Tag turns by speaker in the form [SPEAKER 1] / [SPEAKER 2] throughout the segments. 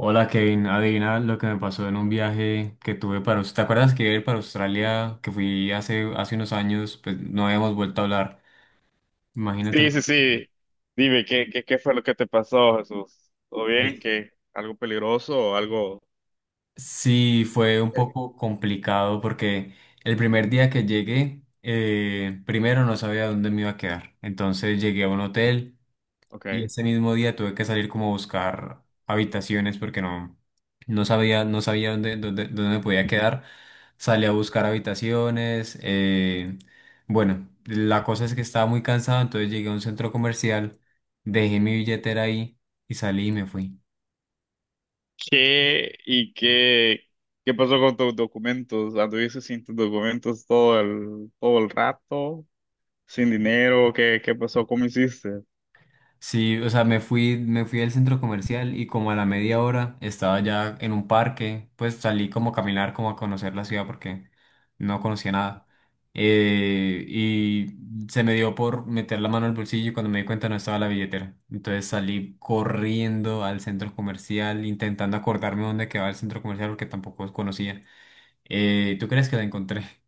[SPEAKER 1] Hola Kevin, adivina lo que me pasó en un viaje que tuve para... ¿Te acuerdas que iba a ir para Australia, que fui hace unos años, pues no habíamos vuelto a hablar? Imagínate.
[SPEAKER 2] Sí, sí, sí. Dime, ¿qué, qué fue lo que te pasó, Jesús? ¿Todo bien? ¿Qué? ¿Algo peligroso o algo?
[SPEAKER 1] Sí, fue un poco complicado porque el primer día que llegué, primero no sabía dónde me iba a quedar. Entonces llegué a un hotel. Y
[SPEAKER 2] Ok.
[SPEAKER 1] ese mismo día tuve que salir como a buscar habitaciones porque no sabía dónde, dónde me podía quedar. Salí a buscar habitaciones. Bueno, la cosa es que estaba muy cansado, entonces llegué a un centro comercial, dejé mi billetera ahí y salí y me fui.
[SPEAKER 2] ¿Qué y qué pasó con tus documentos? ¿Anduviste sin tus documentos todo el rato? ¿Sin dinero? ¿Qué, qué pasó? ¿Cómo hiciste?
[SPEAKER 1] Sí, o sea, me fui al centro comercial y como a la media hora estaba ya en un parque, pues salí como a caminar, como a conocer la ciudad porque no conocía nada. Y se me dio por meter la mano al bolsillo y cuando me di cuenta no estaba la billetera. Entonces salí corriendo al centro comercial, intentando acordarme dónde quedaba el centro comercial porque tampoco conocía. ¿Tú crees que la encontré?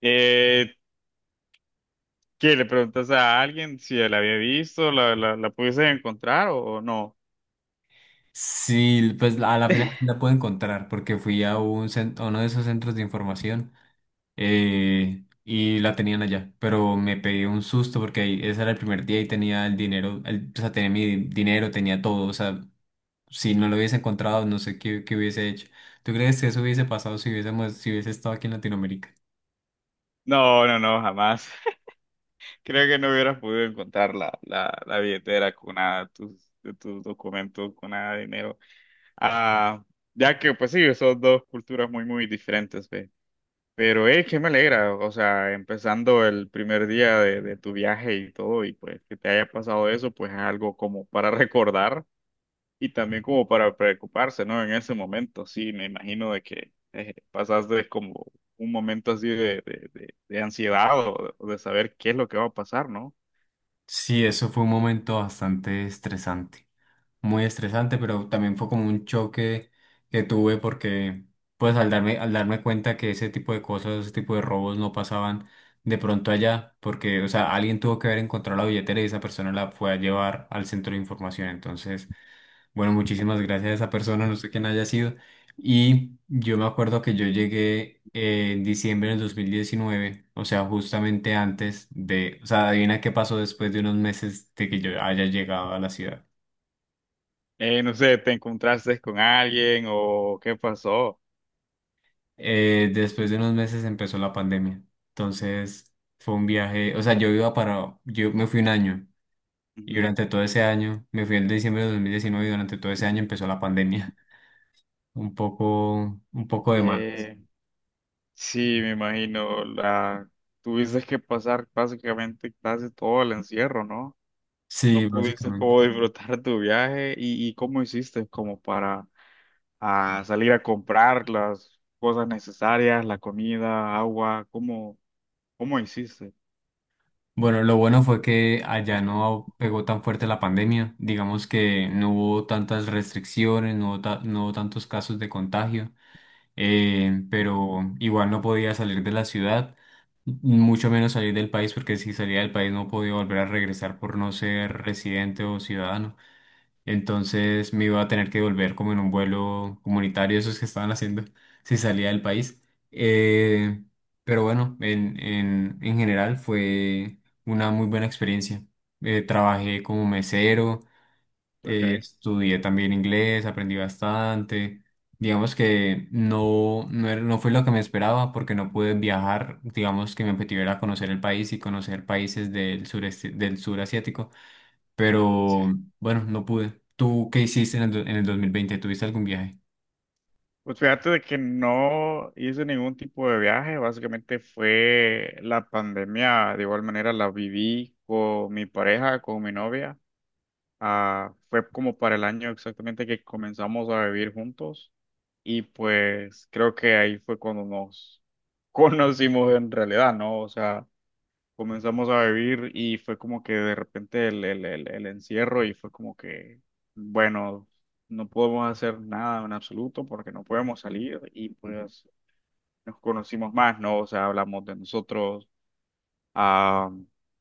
[SPEAKER 2] Eh, ¿Qué? ¿Le preguntaste a alguien si la había visto? ¿La pudiste encontrar o no?
[SPEAKER 1] Sí, pues a la final sí la puedo encontrar porque fui a a uno de esos centros de información. Y la tenían allá, pero me pegué un susto porque ese era el primer día y tenía el dinero, o sea, tenía mi dinero, tenía todo, o sea, si no lo hubiese encontrado, no sé qué hubiese hecho. ¿Tú crees que eso hubiese pasado si hubiese estado aquí en Latinoamérica?
[SPEAKER 2] No, no, no, jamás. Creo que no hubieras podido encontrar la billetera con nada, tus documentos, con nada de dinero. Ah, ya que, pues sí, son dos culturas muy, muy diferentes, ve. Pero, que me alegra, o sea, empezando el primer día de tu viaje y todo, y pues que te haya pasado eso, pues es algo como para recordar y también como para preocuparse, ¿no? En ese momento, sí, me imagino de que pasaste como un momento así de ansiedad o de saber qué es lo que va a pasar, ¿no?
[SPEAKER 1] Sí, eso fue un momento bastante estresante. Muy estresante, pero también fue como un choque que tuve porque, pues, al darme cuenta que ese tipo de cosas, ese tipo de robos no pasaban de pronto allá, porque, o sea, alguien tuvo que haber encontrado la billetera y esa persona la fue a llevar al centro de información. Entonces, bueno, muchísimas gracias a esa persona, no sé quién haya sido. Y yo me acuerdo que yo llegué. En diciembre del 2019, o sea, justamente antes de, o sea, adivina qué pasó después de unos meses de que yo haya llegado a la ciudad.
[SPEAKER 2] No sé, ¿te encontraste con alguien o qué pasó?
[SPEAKER 1] Después de unos meses empezó la pandemia. Entonces fue un viaje, o sea, yo iba para, yo me fui un año y
[SPEAKER 2] Ujú.
[SPEAKER 1] durante todo ese año, me fui en diciembre de 2019 y durante todo ese año empezó la pandemia. Un poco de mal.
[SPEAKER 2] Eh, sí, me imagino, la tuviste que pasar básicamente casi todo el encierro, ¿no?
[SPEAKER 1] Sí,
[SPEAKER 2] No pudiste
[SPEAKER 1] básicamente.
[SPEAKER 2] como disfrutar tu viaje y cómo hiciste como para salir a comprar las cosas necesarias, la comida, agua, ¿cómo, cómo hiciste?
[SPEAKER 1] Bueno, lo bueno fue que allá no pegó tan fuerte la pandemia. Digamos que no hubo tantas restricciones, no hubo, no hubo tantos casos de contagio. Pero igual no podía salir de la ciudad, mucho menos salir del país, porque si salía del país no podía volver a regresar por no ser residente o ciudadano. Entonces me iba a tener que volver como en un vuelo comunitario, esos que estaban haciendo si salía del país. Eh, pero bueno, en general fue una muy buena experiencia. Trabajé como mesero
[SPEAKER 2] Ok.
[SPEAKER 1] estudié también inglés, aprendí bastante. Digamos que no fue lo que me esperaba porque no pude viajar. Digamos que mi objetivo era conocer el país y conocer países del sureste, del sur asiático. Pero bueno, no pude. ¿Tú qué hiciste en en el 2020? ¿Tuviste algún viaje?
[SPEAKER 2] Pues fíjate de que no hice ningún tipo de viaje, básicamente fue la pandemia, de igual manera la viví con mi pareja, con mi novia. Ah, fue como para el año exactamente que comenzamos a vivir juntos y pues creo que ahí fue cuando nos conocimos en realidad, ¿no? O sea, comenzamos a vivir y fue como que de repente el encierro y fue como que, bueno, no podemos hacer nada en absoluto porque no podemos salir y pues nos conocimos más, ¿no? O sea, hablamos de nosotros. Ah,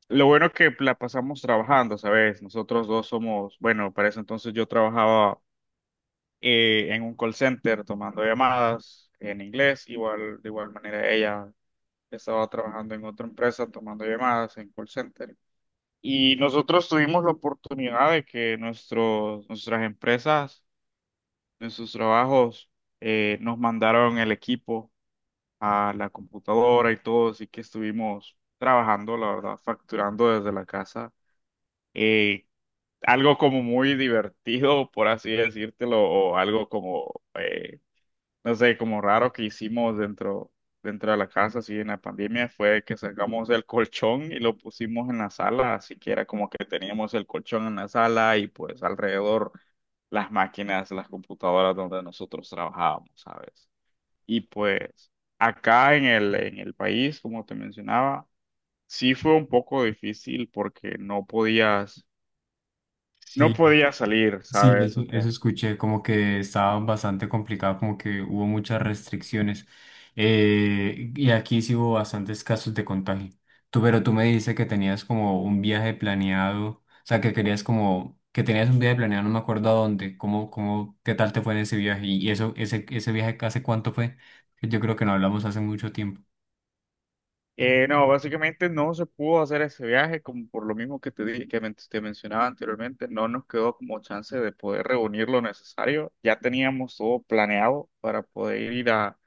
[SPEAKER 2] lo bueno es que la pasamos trabajando, ¿sabes? Nosotros dos somos, bueno, para eso entonces yo trabajaba en un call center tomando llamadas en inglés, igual, de igual manera ella estaba trabajando en otra empresa tomando llamadas en call center. Y nosotros tuvimos la oportunidad de que nuestras empresas, nuestros trabajos, nos mandaron el equipo a la computadora y todo, así que estuvimos trabajando, la verdad, facturando desde la casa. Eh, Algo como muy divertido, por así decírtelo, o algo como no sé, como raro que hicimos dentro de la casa, así en la pandemia, fue que sacamos el colchón y lo pusimos en la sala, así que era como que teníamos el colchón en la sala y pues alrededor las máquinas, las computadoras donde nosotros trabajábamos, ¿sabes? Y pues acá en en el país, como te mencionaba, sí fue un poco difícil porque no podías, no
[SPEAKER 1] Sí,
[SPEAKER 2] podías salir,
[SPEAKER 1] sí,
[SPEAKER 2] ¿sabes?
[SPEAKER 1] eso,
[SPEAKER 2] O sea,
[SPEAKER 1] eso escuché, como que estaba bastante complicado, como que hubo muchas restricciones. Y aquí sí hubo bastantes casos de contagio. Pero tú me dices que tenías como un viaje planeado, o sea, que querías como, que tenías un viaje planeado, no me acuerdo a dónde, qué tal te fue en ese viaje. Y eso, ese viaje, ¿hace cuánto fue? Yo creo que no hablamos hace mucho tiempo.
[SPEAKER 2] eh, no, básicamente no se pudo hacer ese viaje, como por lo mismo que te dije, que te mencionaba anteriormente, no nos quedó como chance de poder reunir lo necesario. Ya teníamos todo planeado para poder ir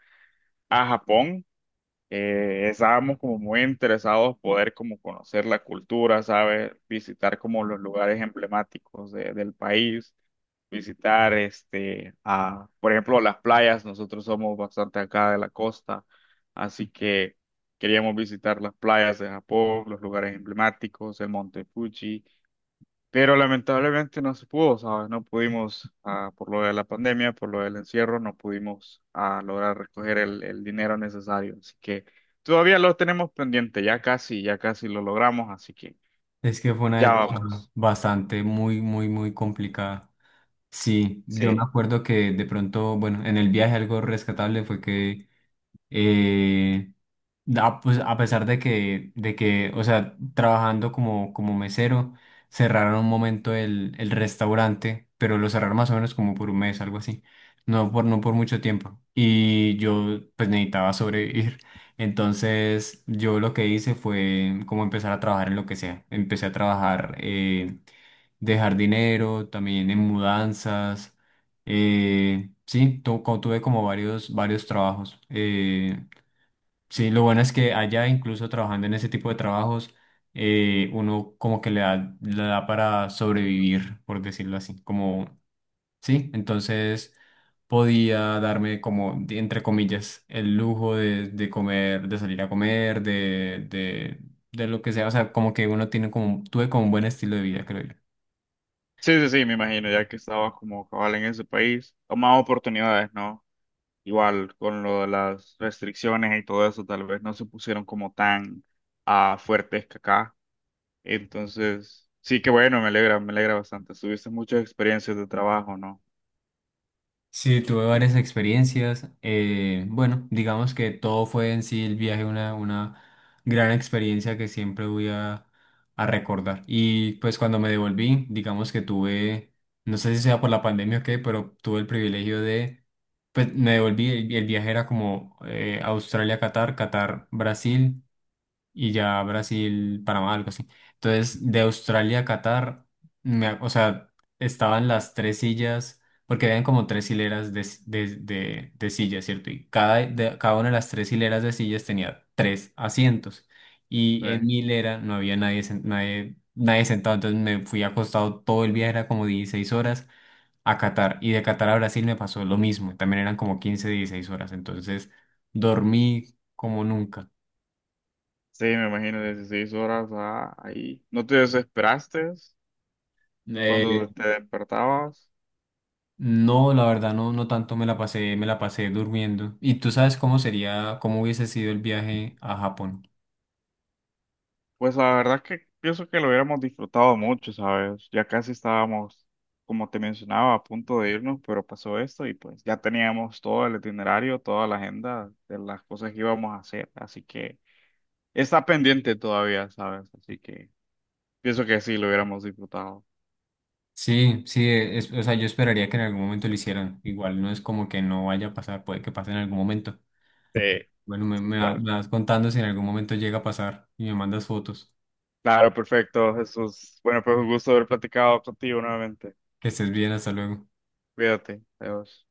[SPEAKER 2] a Japón. Estábamos como muy interesados poder como conocer la cultura, ¿sabes? Visitar como los lugares emblemáticos del país, visitar, este, a, por ejemplo, las playas. Nosotros somos bastante acá de la costa, así que queríamos visitar las playas de Japón, los lugares emblemáticos, el Monte Fuji, pero lamentablemente no se pudo, ¿sabes? No pudimos, ah, por lo de la pandemia, por lo del encierro, no pudimos, ah, lograr recoger el dinero necesario, así que todavía lo tenemos pendiente, ya casi lo logramos, así que
[SPEAKER 1] Es que fue una
[SPEAKER 2] ya bueno,
[SPEAKER 1] época
[SPEAKER 2] vamos.
[SPEAKER 1] bastante, muy complicada. Sí, yo me
[SPEAKER 2] Sí.
[SPEAKER 1] acuerdo que de pronto, bueno, en el viaje algo rescatable fue que eh, pues, a pesar de o sea, trabajando como, como mesero, cerraron un momento el restaurante, pero lo cerraron más o menos como por un mes, algo así. No por mucho tiempo. Y yo, pues, necesitaba sobrevivir. Entonces, yo lo que hice fue como empezar a trabajar en lo que sea. Empecé a trabajar de jardinero, también en mudanzas. Tuve como varios trabajos. Sí, lo bueno es que allá, incluso trabajando en ese tipo de trabajos, uno como que le da para sobrevivir, por decirlo así. Como, sí, entonces podía darme como, entre comillas, el lujo de comer, de salir a comer, de lo que sea. O sea, como que uno tiene como, tuve como un buen estilo de vida, creo yo.
[SPEAKER 2] Sí, sí, sí, me imagino, ya que estabas como cabal en ese país, o más oportunidades, ¿no? Igual con lo de las restricciones y todo eso, tal vez no se pusieron como tan fuertes que acá. Entonces, sí, que bueno, me alegra bastante. Tuviste muchas experiencias de trabajo, ¿no?
[SPEAKER 1] Sí, tuve varias experiencias. Bueno, digamos que todo fue en sí el viaje una gran experiencia que siempre voy a recordar. Y pues cuando me devolví, digamos que tuve, no sé si sea por la pandemia o qué, pero tuve el privilegio de, pues me devolví, el viaje era como Australia-Qatar, Qatar-Brasil y ya Brasil, Panamá, algo así. Entonces, de Australia a Qatar, o sea, estaban las tres sillas, porque habían como tres hileras de, de sillas, ¿cierto? Y cada una de las tres hileras de sillas tenía tres asientos. Y en
[SPEAKER 2] Sí.
[SPEAKER 1] mi hilera no había nadie, nadie sentado, entonces me fui acostado todo el viaje, era como 16 horas a Qatar. Y de Qatar a Brasil me pasó lo mismo, también eran como 15 16 horas, entonces dormí como nunca.
[SPEAKER 2] Sí, me imagino 16 horas ahí. ¿No te desesperaste
[SPEAKER 1] Eh,
[SPEAKER 2] cuando te despertabas?
[SPEAKER 1] No, la verdad no, no tanto me la pasé durmiendo. ¿Y tú sabes cómo sería, cómo hubiese sido el viaje a Japón?
[SPEAKER 2] Pues la verdad que pienso que lo hubiéramos disfrutado mucho, ¿sabes? Ya casi estábamos, como te mencionaba, a punto de irnos, pero pasó esto y pues ya teníamos todo el itinerario, toda la agenda de las cosas que íbamos a hacer, así que está pendiente todavía, ¿sabes? Así que pienso que sí, lo hubiéramos disfrutado.
[SPEAKER 1] Sí, sí, o sea, yo esperaría que en algún momento lo hicieran. Igual no es como que no vaya a pasar, puede que pase en algún momento.
[SPEAKER 2] Sí,
[SPEAKER 1] Bueno,
[SPEAKER 2] sí, claro.
[SPEAKER 1] me vas contando si en algún momento llega a pasar y me mandas fotos.
[SPEAKER 2] Claro, perfecto, Jesús. Bueno, pues un gusto haber platicado contigo nuevamente.
[SPEAKER 1] Que estés bien, hasta luego.
[SPEAKER 2] Cuídate. Adiós.